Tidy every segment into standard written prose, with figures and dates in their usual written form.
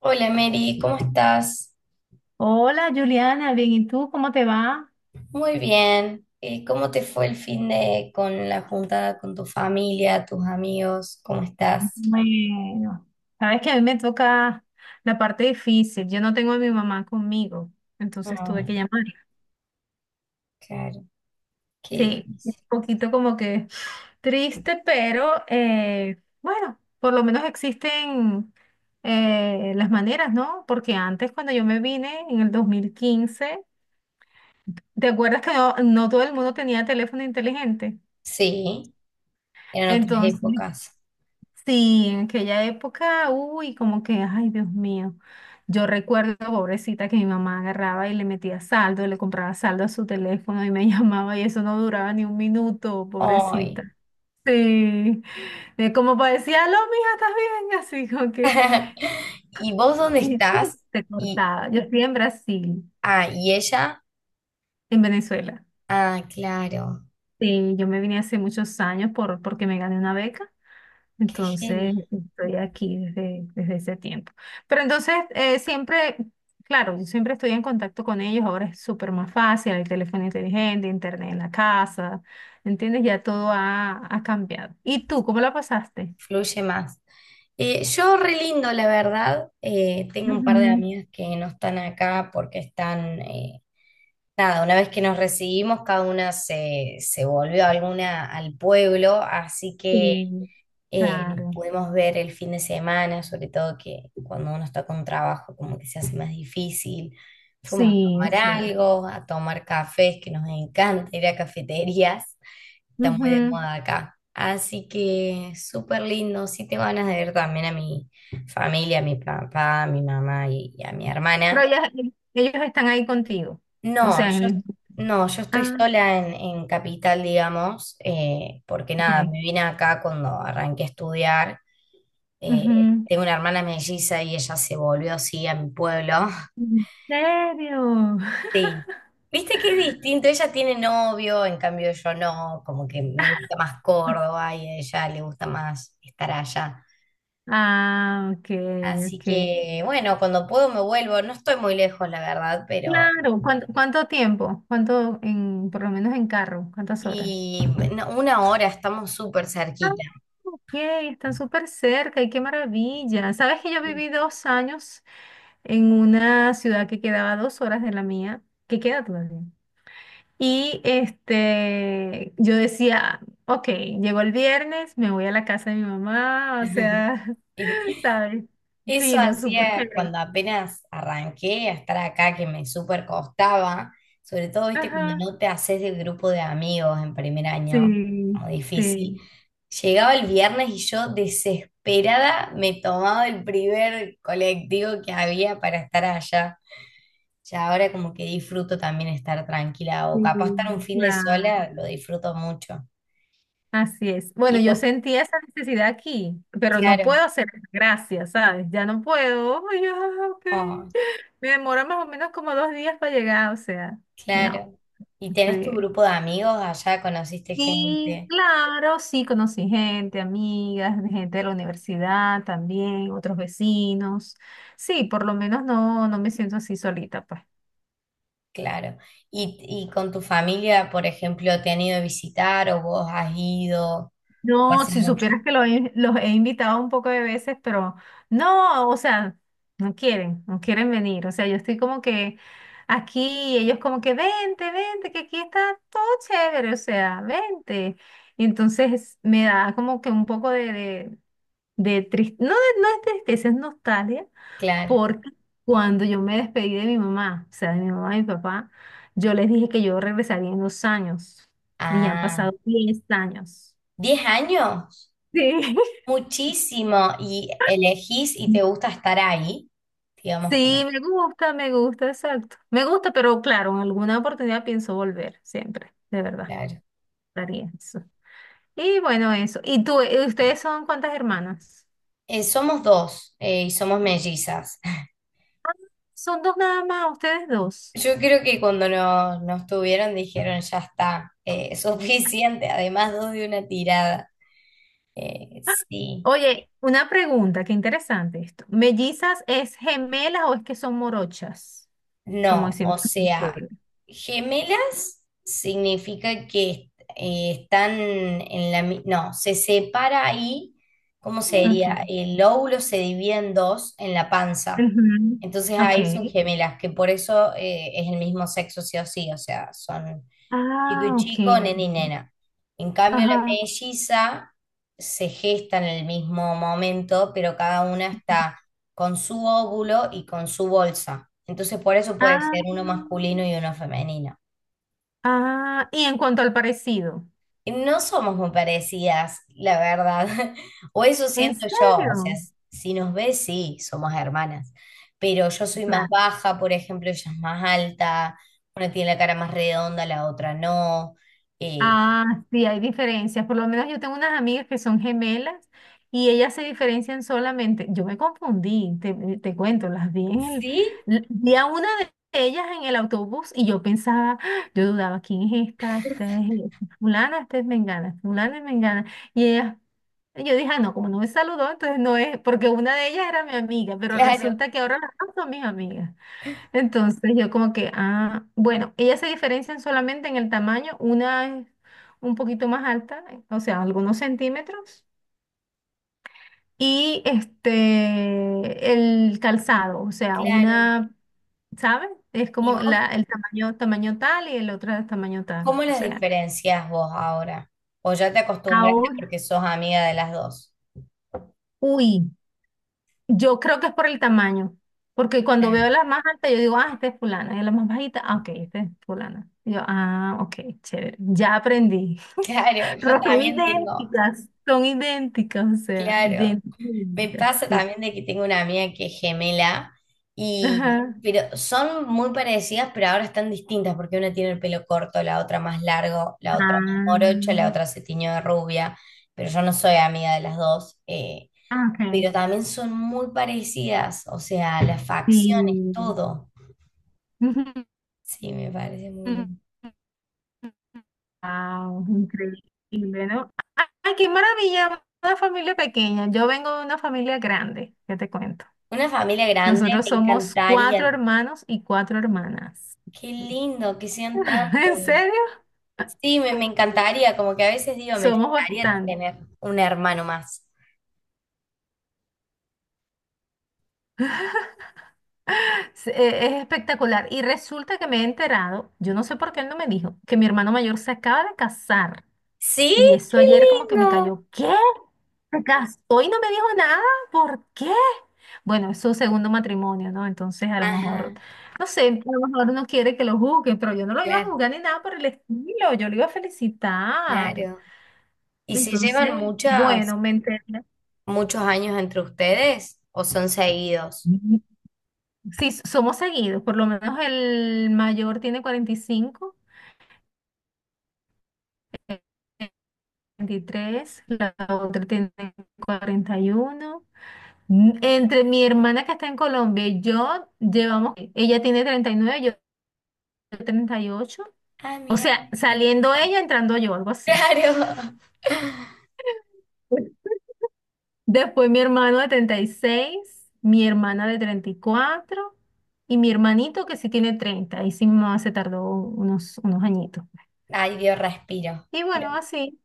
Hola Mary, ¿cómo estás? Hola Juliana, bien, ¿y tú cómo te va? Muy bien. ¿Cómo te fue el fin de con la juntada con tu familia, tus amigos? ¿Cómo estás? Bueno, sabes que a mí me toca la parte difícil. Yo no tengo a mi mamá conmigo, entonces tuve Ay, que llamar. claro, qué Sí, un difícil. poquito como que triste, pero bueno, por lo menos existen las maneras, ¿no? Porque antes cuando yo me vine en el 2015, ¿te acuerdas que no, no todo el mundo tenía teléfono inteligente? Sí, eran otras Entonces, épocas. sí, en aquella época, uy, como que, ay, Dios mío. Yo recuerdo, pobrecita, que mi mamá agarraba y le metía saldo, le compraba saldo a su teléfono y me llamaba y eso no duraba ni un minuto, Ay. pobrecita. Sí, de como parecía, aló, mija, ¿estás bien? Así como que, ¿Y vos dónde y ¡pum! estás? Se Y, cortaba. Yo estoy en Brasil, ah, ¿y ella? en Venezuela. Ah, claro, Sí, yo me vine hace muchos años porque me gané una beca. qué genio. Entonces, estoy aquí desde ese tiempo. Pero entonces, siempre, claro, yo siempre estoy en contacto con ellos, ahora es súper más fácil, hay teléfono inteligente, internet en la casa, ¿entiendes? Ya todo ha cambiado. ¿Y tú, cómo la pasaste? Fluye más. Yo re lindo, la verdad. Tengo un par de Ujú. amigas que no están acá porque están nada, una vez que nos recibimos, cada una se volvió alguna al pueblo, así que Sí, claro, pudimos ver el fin de semana, sobre todo que cuando uno está con trabajo como que se hace más difícil. Fuimos a sí, tomar es cierto. algo, a tomar cafés, que nos encanta ir a cafeterías, está muy de Ujú. moda acá. Así que súper lindo, sí tengo ganas de ver también a mi familia, a mi papá, a mi mamá y a mi Pero hermana. Ellos están ahí contigo, o No, sea, en yo, el... no, yo estoy Ah, sola en Capital, digamos, porque nada, ok. me vine acá cuando arranqué a estudiar. eh, Ujú. tengo una hermana melliza y ella se volvió así a mi pueblo. ¿En serio? Sí. Viste que es distinto, ella tiene novio, en cambio yo no, como que me gusta más Córdoba y a ella le gusta más estar allá. Ah, ok, Así ok. que bueno, cuando puedo me vuelvo, no estoy muy lejos, la verdad, pero... Claro, ¿cuánto, cuánto tiempo? ¿Cuánto en, por lo menos en carro? ¿Cuántas horas? Y no, una hora estamos súper Ah, cerquita. ok, están Sí. súper cerca y qué maravilla. Sabes que yo viví 2 años en una ciudad que quedaba a 2 horas de la mía, que queda todavía. Y este, yo decía, ok, llegó el viernes, me voy a la casa de mi mamá, o sea, ¿sabes? Eso Fino, súper hacía chévere. cuando apenas arranqué a estar acá, que me súper costaba, sobre todo, viste, cuando Ajá, no te haces del grupo de amigos en primer año, sí, como difícil. sí. Llegaba el viernes y yo desesperada me tomaba el primer colectivo que había para estar allá. Ya ahora como que disfruto también estar tranquila o Sí, capaz estar un fin de claro, sola, lo disfruto mucho. así es. Y Bueno, yo vos, sentía esa necesidad aquí, pero no claro, puedo hacer gracias, ¿sabes? Ya no puedo. Ay, ya, ok. oh, Me demora más o menos como 2 días para llegar, o sea, no. claro. Y tenés tu Sí. grupo de amigos allá, conociste Y gente, claro, sí conocí gente, amigas, gente de la universidad también, otros vecinos. Sí, por lo menos no, no me siento así solita, pues. claro. Y, y con tu familia, por ejemplo, te han ido a visitar o vos has ido, o No, hace si mucho, supieras que los he invitado un poco de veces, pero no, o sea, no quieren, no quieren venir. O sea, yo estoy como que aquí, y ellos como que vente, vente, que aquí está todo chévere, o sea, vente. Y entonces me da como que un poco de no, no es tristeza, es nostalgia, claro. porque cuando yo me despedí de mi mamá, o sea, de mi mamá y mi papá, yo les dije que yo regresaría en 2 años, y ya han Ah, pasado 10 años. 10 años, Sí. muchísimo. Y elegís y te gusta estar ahí, digamos, Sí, pa- me gusta, exacto. Me gusta, pero claro, en alguna oportunidad pienso volver, siempre, de verdad, claro. daría eso. Y bueno, eso. ¿Y tú, ustedes son cuántas hermanas? Somos dos y somos mellizas. Son dos nada más, ustedes dos. Yo creo que cuando nos tuvieron dijeron, ya está, suficiente, además dos de una tirada. Sí, Oye, una pregunta, qué interesante esto. ¿Mellizas es gemelas o es que son morochas? Como no, decimos o en sea, Venezuela. gemelas significa que están en la... mi- No, se separa ahí, ¿cómo Okay. sería? El óvulo se divide en dos en la panza. Ujú. Entonces ahí son Okay. gemelas, que por eso es el mismo sexo sí o sí, o sea, son chico Ah, y okay. chico, nena y nena. En cambio, la Ajá. melliza se gesta en el mismo momento, pero cada una está con su óvulo y con su bolsa. Entonces, por eso puede Ah, ser uno masculino y uno femenino. ah, y en cuanto al parecido. Y no somos muy parecidas, la verdad. O eso ¿En siento yo. O sea, serio? si nos ves, sí, somos hermanas. Pero yo soy más Claro. baja, por ejemplo, ella es más alta. Una tiene la cara más redonda, la otra no. Eh, Ah, sí, hay diferencias. Por lo menos yo tengo unas amigas que son gemelas y ellas se diferencian solamente. Yo me confundí, te cuento, las vi en el... sí, Vi a una de ellas en el autobús y yo pensaba, ¡ah! Yo dudaba, ¿quién es esta? Esta es fulana, esta es mengana, fulana es mengana. Y ellas, yo dije, "Ah, no, como no me saludó, entonces no es, porque una de ellas era mi amiga, pero claro, resulta que ahora las dos son mis amigas. Entonces yo como que, ah, bueno, ellas se diferencian solamente en el tamaño, una es un poquito más alta, o sea, algunos centímetros, y este, el calzado, o sea, claro. una, ¿sabes? Es ¿Y como vos la, el tamaño, tamaño tal y el otro es tamaño tal, cómo o las sea, diferencias vos ahora? ¿O ya te acostumbraste ahora, porque sos amiga de las dos? uy, yo creo que es por el tamaño, porque cuando Claro. veo las más altas yo digo, ah, esta es fulana, y la más bajita, ah, ok, esta es fulana. Y yo, ah, ok, chévere, ya aprendí. Claro, yo Pero son también tengo, idénticas. Son idénticas, o sea, claro, idénticas. me Idénticas, pasa sí. también de que tengo una amiga que es gemela y, Ajá. pero son muy parecidas, pero ahora están distintas porque una tiene el pelo corto, la otra más largo, la otra más Ah, morocha, la otra se tiñó de rubia, pero yo no soy amiga de las dos, ok. pero también son muy parecidas, o sea, las facciones, Sí. todo. Sí, me parece muy lindo. Wow, increíble, ¿no? Ah, ¡ay, qué maravilla! Una familia pequeña. Yo vengo de una familia grande, ya te cuento. Una familia grande, Nosotros me somos cuatro encantaría. hermanos y cuatro hermanas. Qué lindo que sean ¿En tantos. serio? Sí, me encantaría, como que a veces digo, me Somos encantaría bastantes. tener un hermano más. Es espectacular. Y resulta que me he enterado, yo no sé por qué él no me dijo, que mi hermano mayor se acaba de casar. Sí, Y eso qué ayer como que me lindo. cayó, ¿qué? ¿Se casó y no me dijo nada? ¿Por qué? Bueno, es su segundo matrimonio, ¿no? Entonces a lo mejor, Ajá, no sé, a lo mejor no quiere que lo juzguen, pero yo no lo iba a claro, juzgar ni nada por el estilo, yo lo iba a felicitar. claro. ¿Y se Entonces, llevan muchas, bueno, me enteré. muchos años entre ustedes o son seguidos? Sí, somos seguidos, por lo menos el mayor tiene 45 23, la otra tiene 41. Entre mi hermana que está en Colombia y yo llevamos, ella tiene 39, yo 38. Ah, O mira, sea, me seguí. saliendo ella, entrando yo, algo así. Claro. Después mi hermano de 36, mi hermana de 34 y mi hermanito que sí tiene 30. Y sí, mi mamá se tardó unos añitos. Ay, Dios, respiro. Y Pero bueno, así.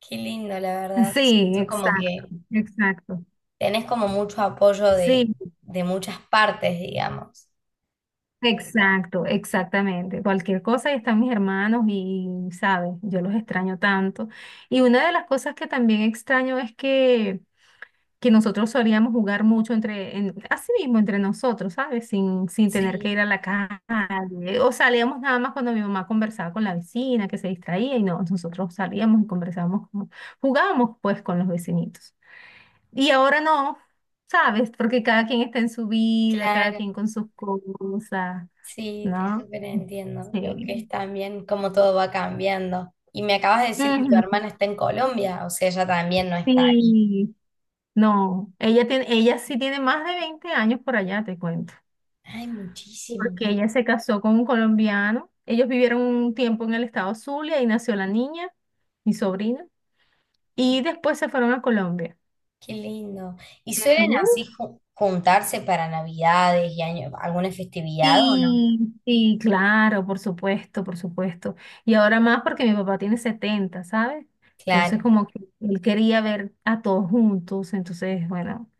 qué lindo, la verdad. Sí, Siento como exacto, que exacto. tenés como mucho apoyo Sí, de muchas partes, digamos. exacto, exactamente. Cualquier cosa, y están mis hermanos y, ¿sabes? Yo los extraño tanto. Y una de las cosas que también extraño es que nosotros solíamos jugar mucho entre así mismo entre nosotros, ¿sabes? Sin tener que Sí, ir a la calle. O salíamos nada más cuando mi mamá conversaba con la vecina, que se distraía, y no, nosotros salíamos y conversábamos, jugábamos pues con los vecinitos. Y ahora no, ¿sabes? Porque cada quien está en su vida, cada quien claro. con sus cosas. Sí, te ¿No? súper entiendo. Lo Sí. que es también cómo Ujú, todo va cambiando. Y me acabas de decir que tu hermana está en Colombia, o sea, ella también no está ahí. sí. No, ella tiene, ella sí tiene más de 20 años por allá, te cuento. Ay, muchísimo, Porque man. ella se casó con un colombiano. Ellos vivieron un tiempo en el estado Zulia y nació la niña, mi sobrina. Y después se fueron a Colombia. Qué lindo. ¿Y Tiene suelen un- así ju- juntarse para Navidades y año, alguna festividad o no? Sí, sí, claro, por supuesto, por supuesto. Y ahora más porque mi papá tiene 70, ¿sabes? Entonces Claro, como que él quería ver a todos juntos, entonces, bueno,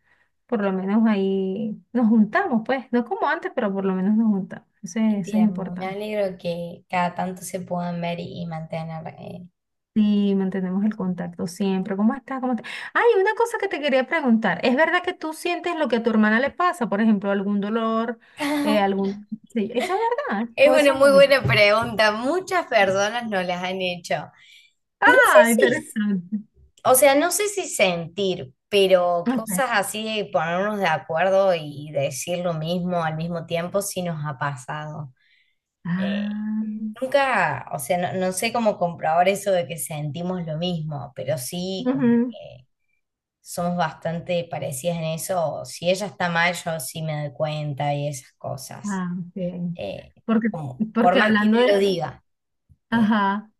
por lo menos ahí nos juntamos, pues, no como antes, pero por lo menos nos juntamos. Qué Eso es tierno. Me importante. alegro que cada tanto se puedan ver y mantener. Eh. Sí, mantenemos el contacto siempre. ¿Cómo estás? ¿Cómo estás? Ay, una cosa que te quería preguntar. ¿Es verdad que tú sientes lo que a tu hermana le pasa? Por ejemplo, algún dolor, algún... Sí, ¿eso es verdad? Es ¿O eso una es muy un mito? buena pregunta. Muchas personas no las han hecho. No sé Ah, si interesante. o sea, no sé si sentir, pero Ok. cosas así de ponernos de acuerdo y decir lo mismo al mismo tiempo sí nos ha pasado. Eh, Ah, nunca, o sea, no, no sé cómo comprobar eso de que sentimos lo mismo, pero sí como ujú. que somos bastante parecidas en eso. Si ella está mal, yo sí me doy cuenta y esas cosas. Ah, ok. Eh, Porque, como, por porque más que hablando de no lo eso... diga, eh, Ajá.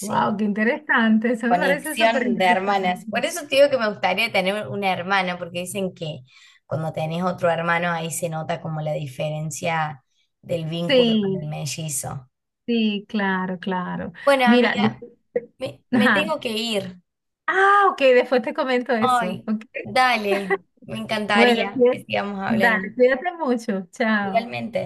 Wow, qué interesante. Eso me parece súper Conexión de interesante. hermanas. Por eso te digo que me gustaría tener una hermana, porque dicen que cuando tenés otro hermano ahí se nota como la diferencia del vínculo con Sí, el mellizo. sí, claro, claro. Bueno, Mira, yo... amiga, me Ajá. tengo que ir. Ah, ok, después te comento eso. Ay, Ok. dale, me Bueno, encantaría que bien. sigamos hablando. Dale, cuídate mucho. Chao. Igualmente.